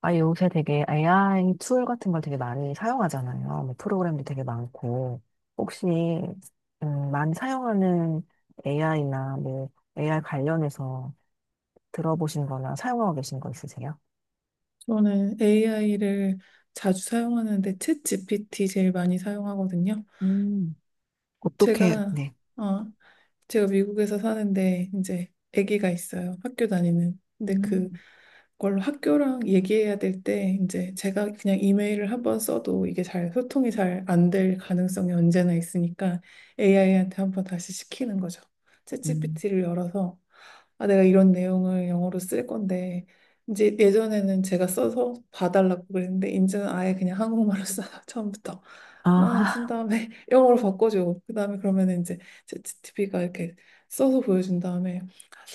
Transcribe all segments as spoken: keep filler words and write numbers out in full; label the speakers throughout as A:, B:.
A: 아, 요새 되게 에이아이 툴 같은 걸 되게 많이 사용하잖아요. 뭐 프로그램도 되게 많고. 혹시, 음, 많이 사용하는 에이아이나 뭐 에이아이 관련해서 들어보신 거나 사용하고 계신 거 있으세요?
B: 저는 에이아이를 자주 사용하는데 챗 지피티 제일 많이 사용하거든요.
A: 음, 어떻게,
B: 제가
A: 네.
B: 어, 제가 미국에서 사는데 이제 아기가 있어요. 학교 다니는. 근데 그
A: 음,
B: 그걸로 학교랑 얘기해야 될 때 이제 제가 그냥 이메일을 한번 써도 이게 잘 소통이 잘 안 될 가능성이 언제나 있으니까 에이아이한테 한번 다시 시키는 거죠.
A: 음,
B: 챗지피티를 열어서 아, 내가 이런 내용을 영어로 쓸 건데 이제 예전에는 제가 써서 봐달라고 그랬는데 이제는 아예 그냥 한국말로 써서 처음부터 막 쓴
A: 아,
B: 다음에 영어로 바꿔줘. 그 다음에 그러면 이제 챗지피티가 이렇게 써서 보여준 다음에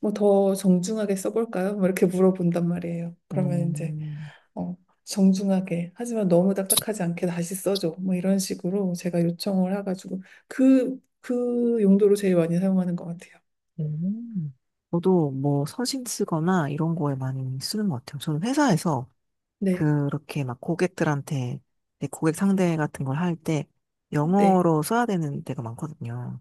B: 뭐 더 정중하게 써볼까요? 뭐 이렇게 물어본단 말이에요. 그러면 이제
A: 음,
B: 어, 정중하게 하지만 너무 딱딱하지 않게 다시 써줘. 뭐 이런 식으로 제가 요청을 해가지고 그, 그 용도로 제일 많이 사용하는 것 같아요.
A: 음. 저도 뭐 서신 쓰거나 이런 거에 많이 쓰는 것 같아요. 저는 회사에서
B: 네,
A: 그렇게 막 고객들한테 내 고객 상대 같은 걸 할 때
B: 네,
A: 영어로 써야 되는 때가 많거든요.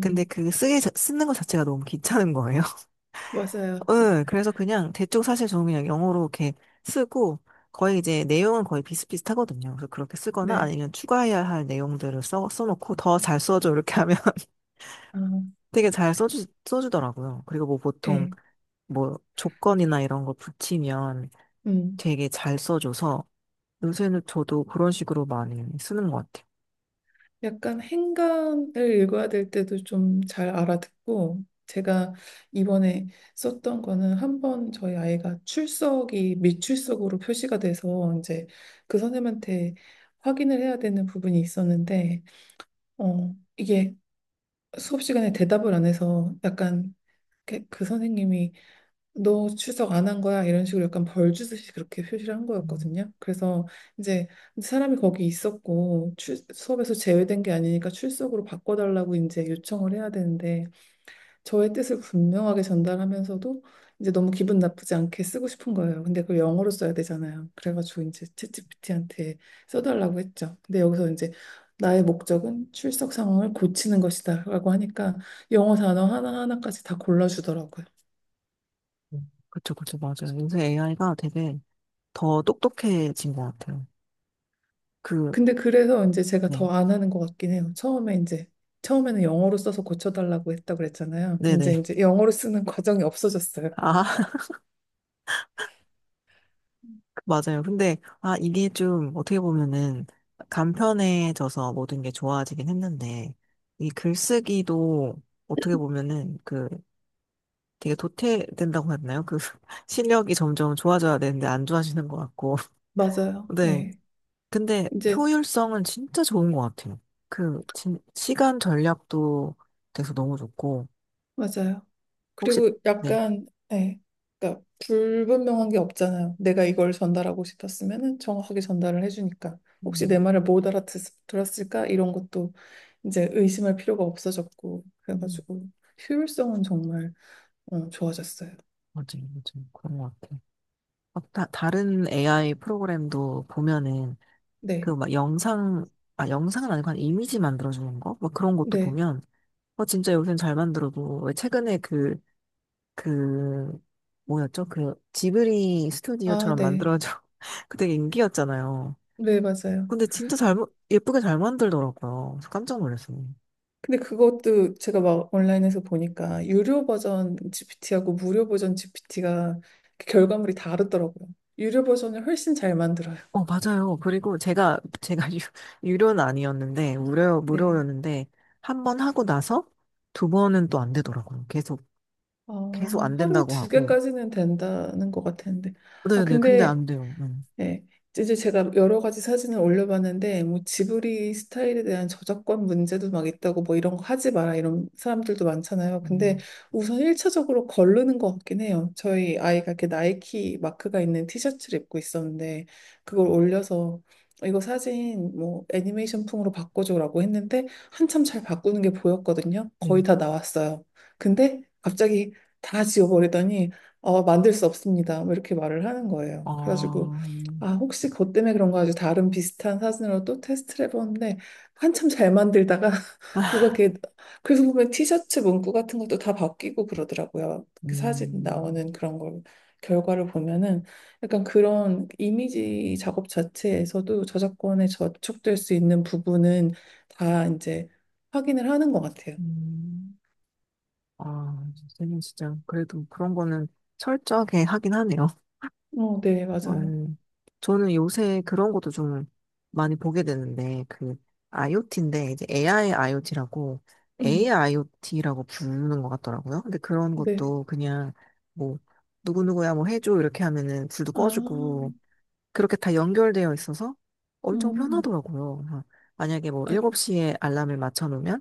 A: 근데 그 쓰기 자- 쓰는 것 자체가 너무 귀찮은 거예요.
B: 맞아요.
A: 응, 그래서 그냥 대충 사실 저는 그냥 영어로 이렇게 쓰고 거의 이제 내용은 거의 비슷비슷하거든요. 그래서 그렇게 쓰거나
B: 네,
A: 아니면 추가해야 할 내용들을 써, 써놓고 더 잘 써줘 이렇게 하면
B: 아,
A: 되게 잘 써주, 써주더라고요. 그리고 뭐 보통
B: 예,
A: 뭐 조건이나 이런 거 붙이면
B: 음.
A: 되게 잘 써줘서 요새는 저도 그런 식으로 많이 쓰는 것 같아요.
B: 약간 행간을 읽어야 될 때도 좀 잘 알아듣고 제가 이번에 썼던 거는 한 번 저희 아이가 출석이 미출석으로 표시가 돼서 이제 그 선생님한테 확인을 해야 되는 부분이 있었는데 어 이게 수업 시간에 대답을 안 해서 약간 그, 그 선생님이 너 출석 안 한 거야? 이런 식으로 약간 벌 주듯이 그렇게 표시를 한 거였거든요. 그래서 이제 사람이 거기 있었고 출, 수업에서 제외된 게 아니니까 출석으로 바꿔달라고 이제 요청을 해야 되는데 저의 뜻을 분명하게 전달하면서도 이제 너무 기분 나쁘지 않게 쓰고 싶은 거예요. 근데 그걸 영어로 써야 되잖아요. 그래가지고 이제 챗지피티한테 써달라고 했죠. 근데 여기서 이제 나의 목적은 출석 상황을 고치는 것이다라고 하니까 영어 단어 하나하나까지 다 골라주더라고요.
A: 음. 그쵸, 그쵸, 맞아요. 요새 에이아이가 되게 더 똑똑해진 것 같아요. 그,
B: 근데 그래서 이제 제가
A: 네.
B: 더 안 하는 것 같긴 해요. 처음에 이제 처음에는 영어로 써서 고쳐달라고 했다고 그랬잖아요. 이제
A: 네네.
B: 이제 영어로 쓰는 과정이 없어졌어요.
A: 아, 맞아요. 근데, 아, 이게 좀 어떻게 보면은 간편해져서 모든 게 좋아지긴 했는데, 이 글쓰기도 어떻게 보면은 그 되게 도태된다고 했나요? 그 실력이 점점 좋아져야 되는데 안 좋아지는 것 같고.
B: 맞아요.
A: 네.
B: 예.
A: 근데
B: 이제
A: 효율성은 진짜 좋은 것 같아요. 그, 진, 시간 전략도 돼서 너무 좋고,
B: 맞아요.
A: 혹시,
B: 그리고
A: 네.
B: 약간 예. 그러니까 불분명한 게 없잖아요. 내가 이걸 전달하고 싶었으면은 정확하게 전달을 해주니까 혹시 내
A: 음,
B: 말을 못 알아들었을까 이런 것도 이제 의심할 필요가 없어졌고
A: 음,
B: 그래가지고 효율성은 정말 어, 좋아졌어요.
A: 맞아요, 맞아요. 그런 것 같아요. 막 다, 다른 에이아이 프로그램도 보면은, 그
B: 네.
A: 막 영상, 아, 영상은 아니고 한 이미지 만들어주는 거? 막 그런 것도
B: 네.
A: 보면, 어, 진짜 요새는 잘 만들어도, 왜 최근에 그, 그, 뭐였죠? 그 지브리
B: 아,
A: 스튜디오처럼
B: 네.
A: 만들어져. 그 되게 인기였잖아요.
B: 네, 맞아요.
A: 근데 진짜 잘, 만- 예쁘게 잘 만들더라고요. 그래서 깜짝 놀랐어요.
B: 근데 그것도 제가 막 온라인에서 보니까 유료 버전 지피티하고 무료 버전 지피티가 결과물이 다르더라고요. 유료 버전을 훨씬 잘 만들어요.
A: 어, 맞아요. 그리고 제가, 제가 유, 유료는 아니었는데, 무료,
B: 네.
A: 무료였는데, 한 번 하고 나서 두 번은 또 안 되더라고요. 계속,
B: 어,
A: 계속 안
B: 하루에
A: 된다고
B: 두
A: 하고.
B: 개까지는 된다는 것 같았는데. 아,
A: 네네, 근데
B: 근데
A: 안 돼요. 음,
B: 네. 이제 제가 여러 가지 사진을 올려봤는데, 뭐, 지브리 스타일에 대한 저작권 문제도 막 있다고, 뭐, 이런 거 하지 마라, 이런 사람들도 많잖아요. 근데
A: 음,
B: 우선 일 차적으로 거르는 것 같긴 해요. 저희 아이가 이렇게 나이키 마크가 있는 티셔츠를 입고 있었는데, 그걸 올려서, 이거 사진, 뭐, 애니메이션 풍으로 바꿔줘라고 했는데, 한참 잘 바꾸는 게 보였거든요. 거의
A: 네.
B: 다 나왔어요. 근데 갑자기 다 지워버리더니, 어, 만들 수 없습니다. 뭐 이렇게 말을 하는 거예요. 그래가지고,
A: 아,
B: 아, 혹시 그것 때문에 그런가 아주 다른 비슷한 사진으로 또 테스트를 해봤는데 한참 잘 만들다가 뭐가 이렇게 그래서 보면 티셔츠 문구 같은 것도 다 바뀌고 그러더라고요. 그 사진
A: 음,
B: 나오는 그런 걸 결과를 보면은 약간 그런 이미지 작업 자체에서도 저작권에 저촉될 수 있는 부분은 다 이제 확인을 하는 것 같아요.
A: 음, 아, 선생님 진짜, 그래도 그런 거는 철저하게 하긴 하네요.
B: 어, 네, 맞아요.
A: 음, 저는 요새 그런 것도 좀 많이 보게 되는데, 그, IoT인데, 이제 에이아이 IoT라고,
B: 음,
A: 에이아이 아이오티라고 부르는 것 같더라고요. 근데 그런
B: 네.
A: 것도 그냥, 뭐, 누구누구야 뭐 해줘, 이렇게 하면은 불도
B: 아,
A: 꺼주고, 그렇게 다 연결되어 있어서 엄청
B: 음,
A: 편하더라고요. 막 만약에 뭐
B: 아,
A: 일곱 시에 알람을 맞춰놓으면,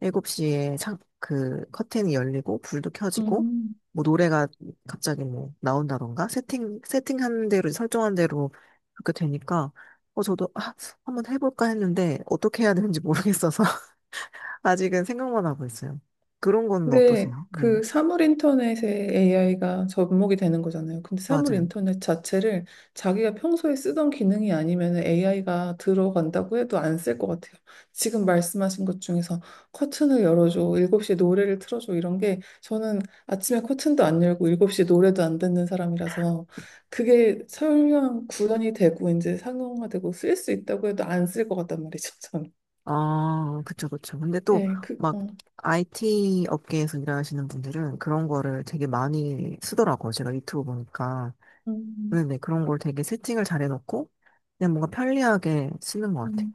A: 일곱 시에 창, 그 커튼이 열리고 불도 켜지고
B: 음.
A: 뭐 노래가 갑자기 뭐 나온다던가 세팅 세팅한 대로 설정한 대로 그렇게 되니까 어 저도 아, 한번 해볼까 했는데 어떻게 해야 되는지 모르겠어서 아직은 생각만 하고 있어요. 그런 거는
B: 근데
A: 어떠세요? 네,
B: 그 사물 인터넷에 에이아이가 접목이 되는 거잖아요. 근데 사물
A: 맞아요.
B: 인터넷 자체를 자기가 평소에 쓰던 기능이 아니면 에이아이가 들어간다고 해도 안 쓸 것 같아요. 지금 말씀하신 것 중에서 커튼을 열어줘, 일곱 시에 노래를 틀어줘 이런 게 저는 아침에 커튼도 안 열고 일곱 시에 노래도 안 듣는 사람이라서 그게 설명 구현이 되고 이제 상용화되고 쓸 수 있다고 해도 안 쓸 것 같단 말이죠, 저는.
A: 아, 그쵸, 그쵸. 근데 또
B: 예, 그,
A: 막
B: 어.
A: 아이티 업계에서 일하시는 분들은 그런 거를 되게 많이 쓰더라고요. 제가 유튜브 보니까.
B: 음,
A: 네네, 그런 걸 되게 세팅을 잘 해놓고, 그냥 뭔가 편리하게 쓰는 것 같아요.
B: 음.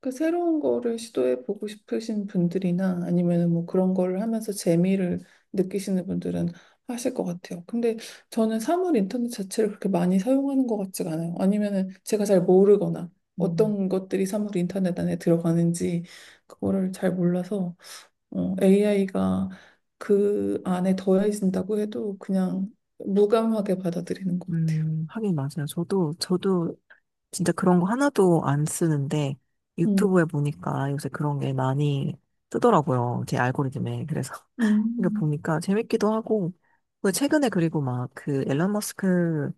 B: 그 새로운 거를 시도해 보고 싶으신 분들이나 아니면 뭐 그런 거를 하면서 재미를 느끼시는 분들은 하실 것 같아요. 근데 저는 사물 인터넷 자체를 그렇게 많이 사용하는 것 같지가 않아요. 아니면은 제가 잘 모르거나
A: 음,
B: 어떤 것들이 사물 인터넷 안에 들어가는지 그거를 잘 몰라서 에이아이가 그 안에 더해진다고 해도 그냥 무감하게 받아들이는 것 같아요.
A: 음, 하긴 맞아요. 저도, 저도 진짜 그런 거 하나도 안 쓰는데,
B: 음.
A: 유튜브에 보니까 요새 그런 게 많이 뜨더라고요. 제 알고리즘에. 그래서, 이거
B: 음.
A: 보니까 재밌기도 하고, 그 최근에 그리고 막 그 앨런 머스크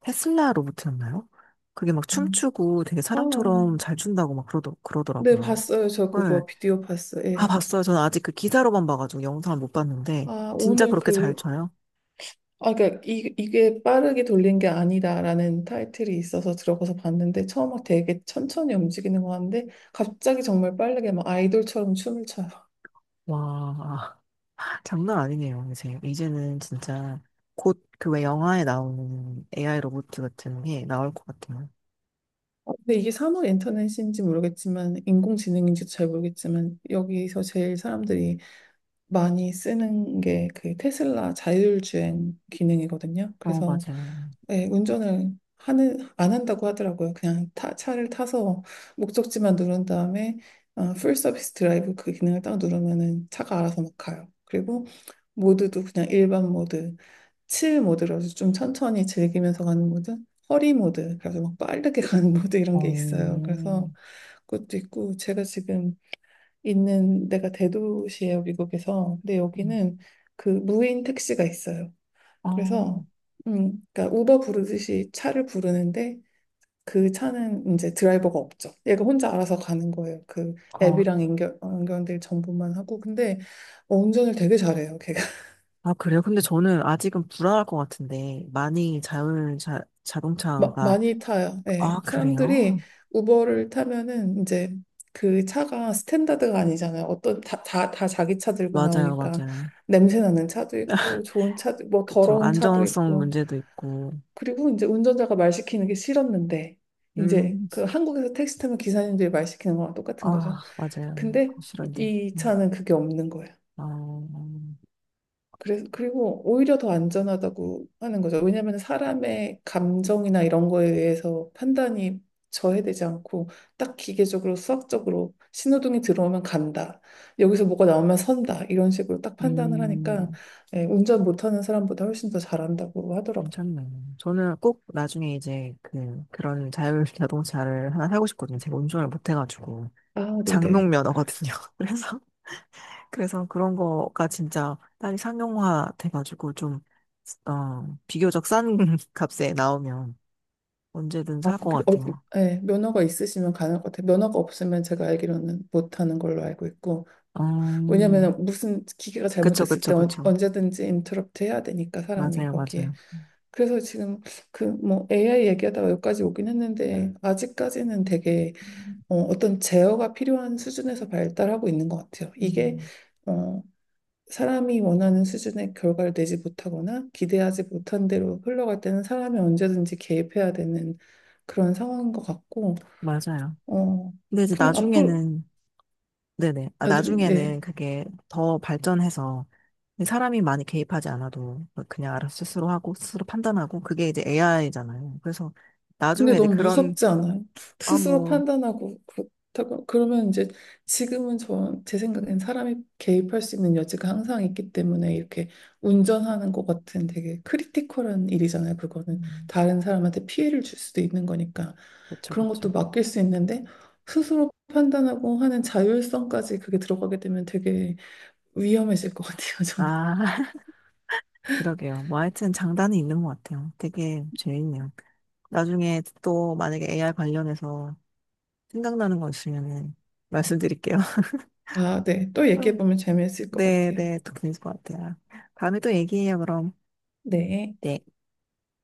A: 테슬라 로봇이었나요? 그게 막
B: 음.
A: 춤추고 되게
B: 아.
A: 사람처럼 잘 춘다고 막 그러더,
B: 네,
A: 그러더라고요.
B: 봤어요. 저
A: 네,
B: 그거 비디오 봤어요.
A: 아,
B: 예.
A: 봤어요. 저는 아직 그 기사로만 봐가지고 영상을 못 봤는데,
B: 아,
A: 진짜
B: 오늘
A: 그렇게 잘
B: 그,
A: 쳐요?
B: 아, 그러니까 이, 이게 빠르게 돌린 게 아니다라는 타이틀이 있어서 들어가서 봤는데 처음 막 되게 천천히 움직이는 거 하는데 갑자기 정말 빠르게 막 아이돌처럼 춤을 춰요.
A: 와, 장난 아니네요, 이제. 이제는 진짜 곧 그 왜 영화에 나오는 에이아이 로봇 같은 게 나올 것 같아요.
B: 아, 근데 이게 산업 인터넷인지 모르겠지만 인공지능인지 잘 모르겠지만 여기서 제일 사람들이 많이 쓰는 게 그 테슬라 자율주행 기능이거든요.
A: 어,
B: 그래서
A: 맞아요.
B: 예, 운전을 하는, 안 한다고 하더라고요. 그냥 타, 차를 타서 목적지만 누른 다음에 어, 풀 서비스 드라이브 그 기능을 딱 누르면은 차가 알아서 막 가요. 그리고 모드도 그냥 일반 모드, 칠 모드라서 좀 천천히 즐기면서 가는 모드, 허리 모드, 그래서 막 빠르게 가는 모드
A: 어,
B: 이런 게 있어요. 그래서
A: 음.
B: 그것도 있고 제가 지금 있는 데가 대도시예요, 미국에서. 근데 여기는 그 무인 택시가 있어요.
A: 어,
B: 그래서 음, 그러니까 우버 부르듯이 차를 부르는데 그 차는 이제 드라이버가 없죠. 얘가 혼자 알아서 가는 거예요. 그
A: 어.
B: 앱이랑 연결, 연결될 정보만 하고. 근데 운전을 되게 잘해요, 걔가.
A: 아, 그래요? 근데 저는 아직은 불안할 것 같은데, 많이 자율 자,
B: 마,
A: 자동차가,
B: 많이 타요.
A: 아,
B: 네. 사람들이
A: 그래요?
B: 우버를 타면은 이제 그 차가 스탠다드가 아니잖아요. 어떤 다, 다, 다 자기 차 들고
A: 맞아요,
B: 나오니까
A: 맞아요.
B: 냄새 나는 차도 있고 좋은 차도 뭐
A: 그쵸.
B: 더러운 차도
A: 안정성
B: 있고
A: 문제도 있고,
B: 그리고 이제 운전자가 말 시키는 게 싫었는데 이제
A: 음.
B: 그 한국에서 택시 타면 기사님들이 말 시키는 거랑
A: 아,
B: 똑같은 거죠.
A: 맞아요.
B: 근데
A: 싫은데.
B: 이
A: 음,
B: 차는 그게 없는 거예요.
A: 아,
B: 그래서 그리고 오히려 더 안전하다고 하는 거죠. 왜냐하면 사람의 감정이나 이런 거에 의해서 판단이 저해되지 않고 딱 기계적으로 수학적으로 신호등이 들어오면 간다. 여기서 뭐가 나오면 선다. 이런 식으로 딱 판단을 하니까
A: 음,
B: 예, 운전 못하는 사람보다 훨씬 더 잘한다고 하더라고요.
A: 괜찮네요. 저는 꼭 나중에 이제 그, 그런 자율 자동차를 하나 사고 싶거든요. 제가 운전을 못 해가지고.
B: 아, 네네.
A: 장롱면허거든요. 그래서, 그래서 그런 거가 진짜 딸이 상용화 돼가지고 좀, 어, 비교적 싼 값에 나오면 언제든
B: 아,
A: 살 것
B: 그, 어,
A: 같아요.
B: 예, 면허가 있으시면 가능할 것 같아요. 면허가 없으면 제가 알기로는 못하는 걸로 알고 있고.
A: 음,
B: 왜냐면 무슨 기계가
A: 그쵸,
B: 잘못됐을
A: 그쵸,
B: 때 언-
A: 그쵸.
B: 언제든지 인터럽트 해야 되니까 사람이
A: 맞아요,
B: 거기에.
A: 맞아요.
B: 그래서 지금 그 뭐 에이아이 얘기하다가 여기까지 오긴 했는데 아직까지는 되게
A: 음,
B: 어, 떤 제어가 필요한 수준에서 발달하고 있는 것 같아요. 이게
A: 음,
B: 어, 사람이 원하는 수준의 결과를 내지 못하거나 기대하지 못한 대로 흘러갈 때는 사람이 언제든지 개입해야 되는 그런 상황인 것 같고
A: 맞아요.
B: 어,
A: 근데 이제
B: 그냥 앞으로
A: 나중에는 네네. 아,
B: 아주 예.
A: 나중에는 그게 더 발전해서 사람이 많이 개입하지 않아도 그냥 알아서 스스로 하고 스스로 판단하고 그게 이제 에이아이잖아요. 그래서
B: 근데
A: 나중에 이제
B: 너무
A: 그런
B: 무섭지 않아요?
A: 아
B: 스스로
A: 뭐
B: 판단하고 그렇다고 그러면 이제 지금은 저, 제 생각엔 사람이 개입할 수 있는 여지가 항상 있기 때문에 이렇게 운전하는 것 같은 되게 크리티컬한 일이잖아요. 그거는
A: 음,
B: 다른 사람한테 피해를 줄 수도 있는 거니까
A: 그렇죠
B: 그런
A: 그렇죠.
B: 것도 맡길 수 있는데 스스로 판단하고 하는 자율성까지 그게 들어가게 되면 되게 위험해질 것 같아요. 저는.
A: 아 그러게요. 뭐 하여튼 장단이 있는 것 같아요. 되게 재밌네요. 나중에 또 만약에 에이아이 관련해서 생각나는 거 있으면은 말씀드릴게요.
B: 아, 네. 또 얘기해 보면 재미있을 것
A: 네,
B: 같아요.
A: 네, 또 그럴 것 같아요. 다음에 또 얘기해요, 그럼.
B: 네.
A: 네.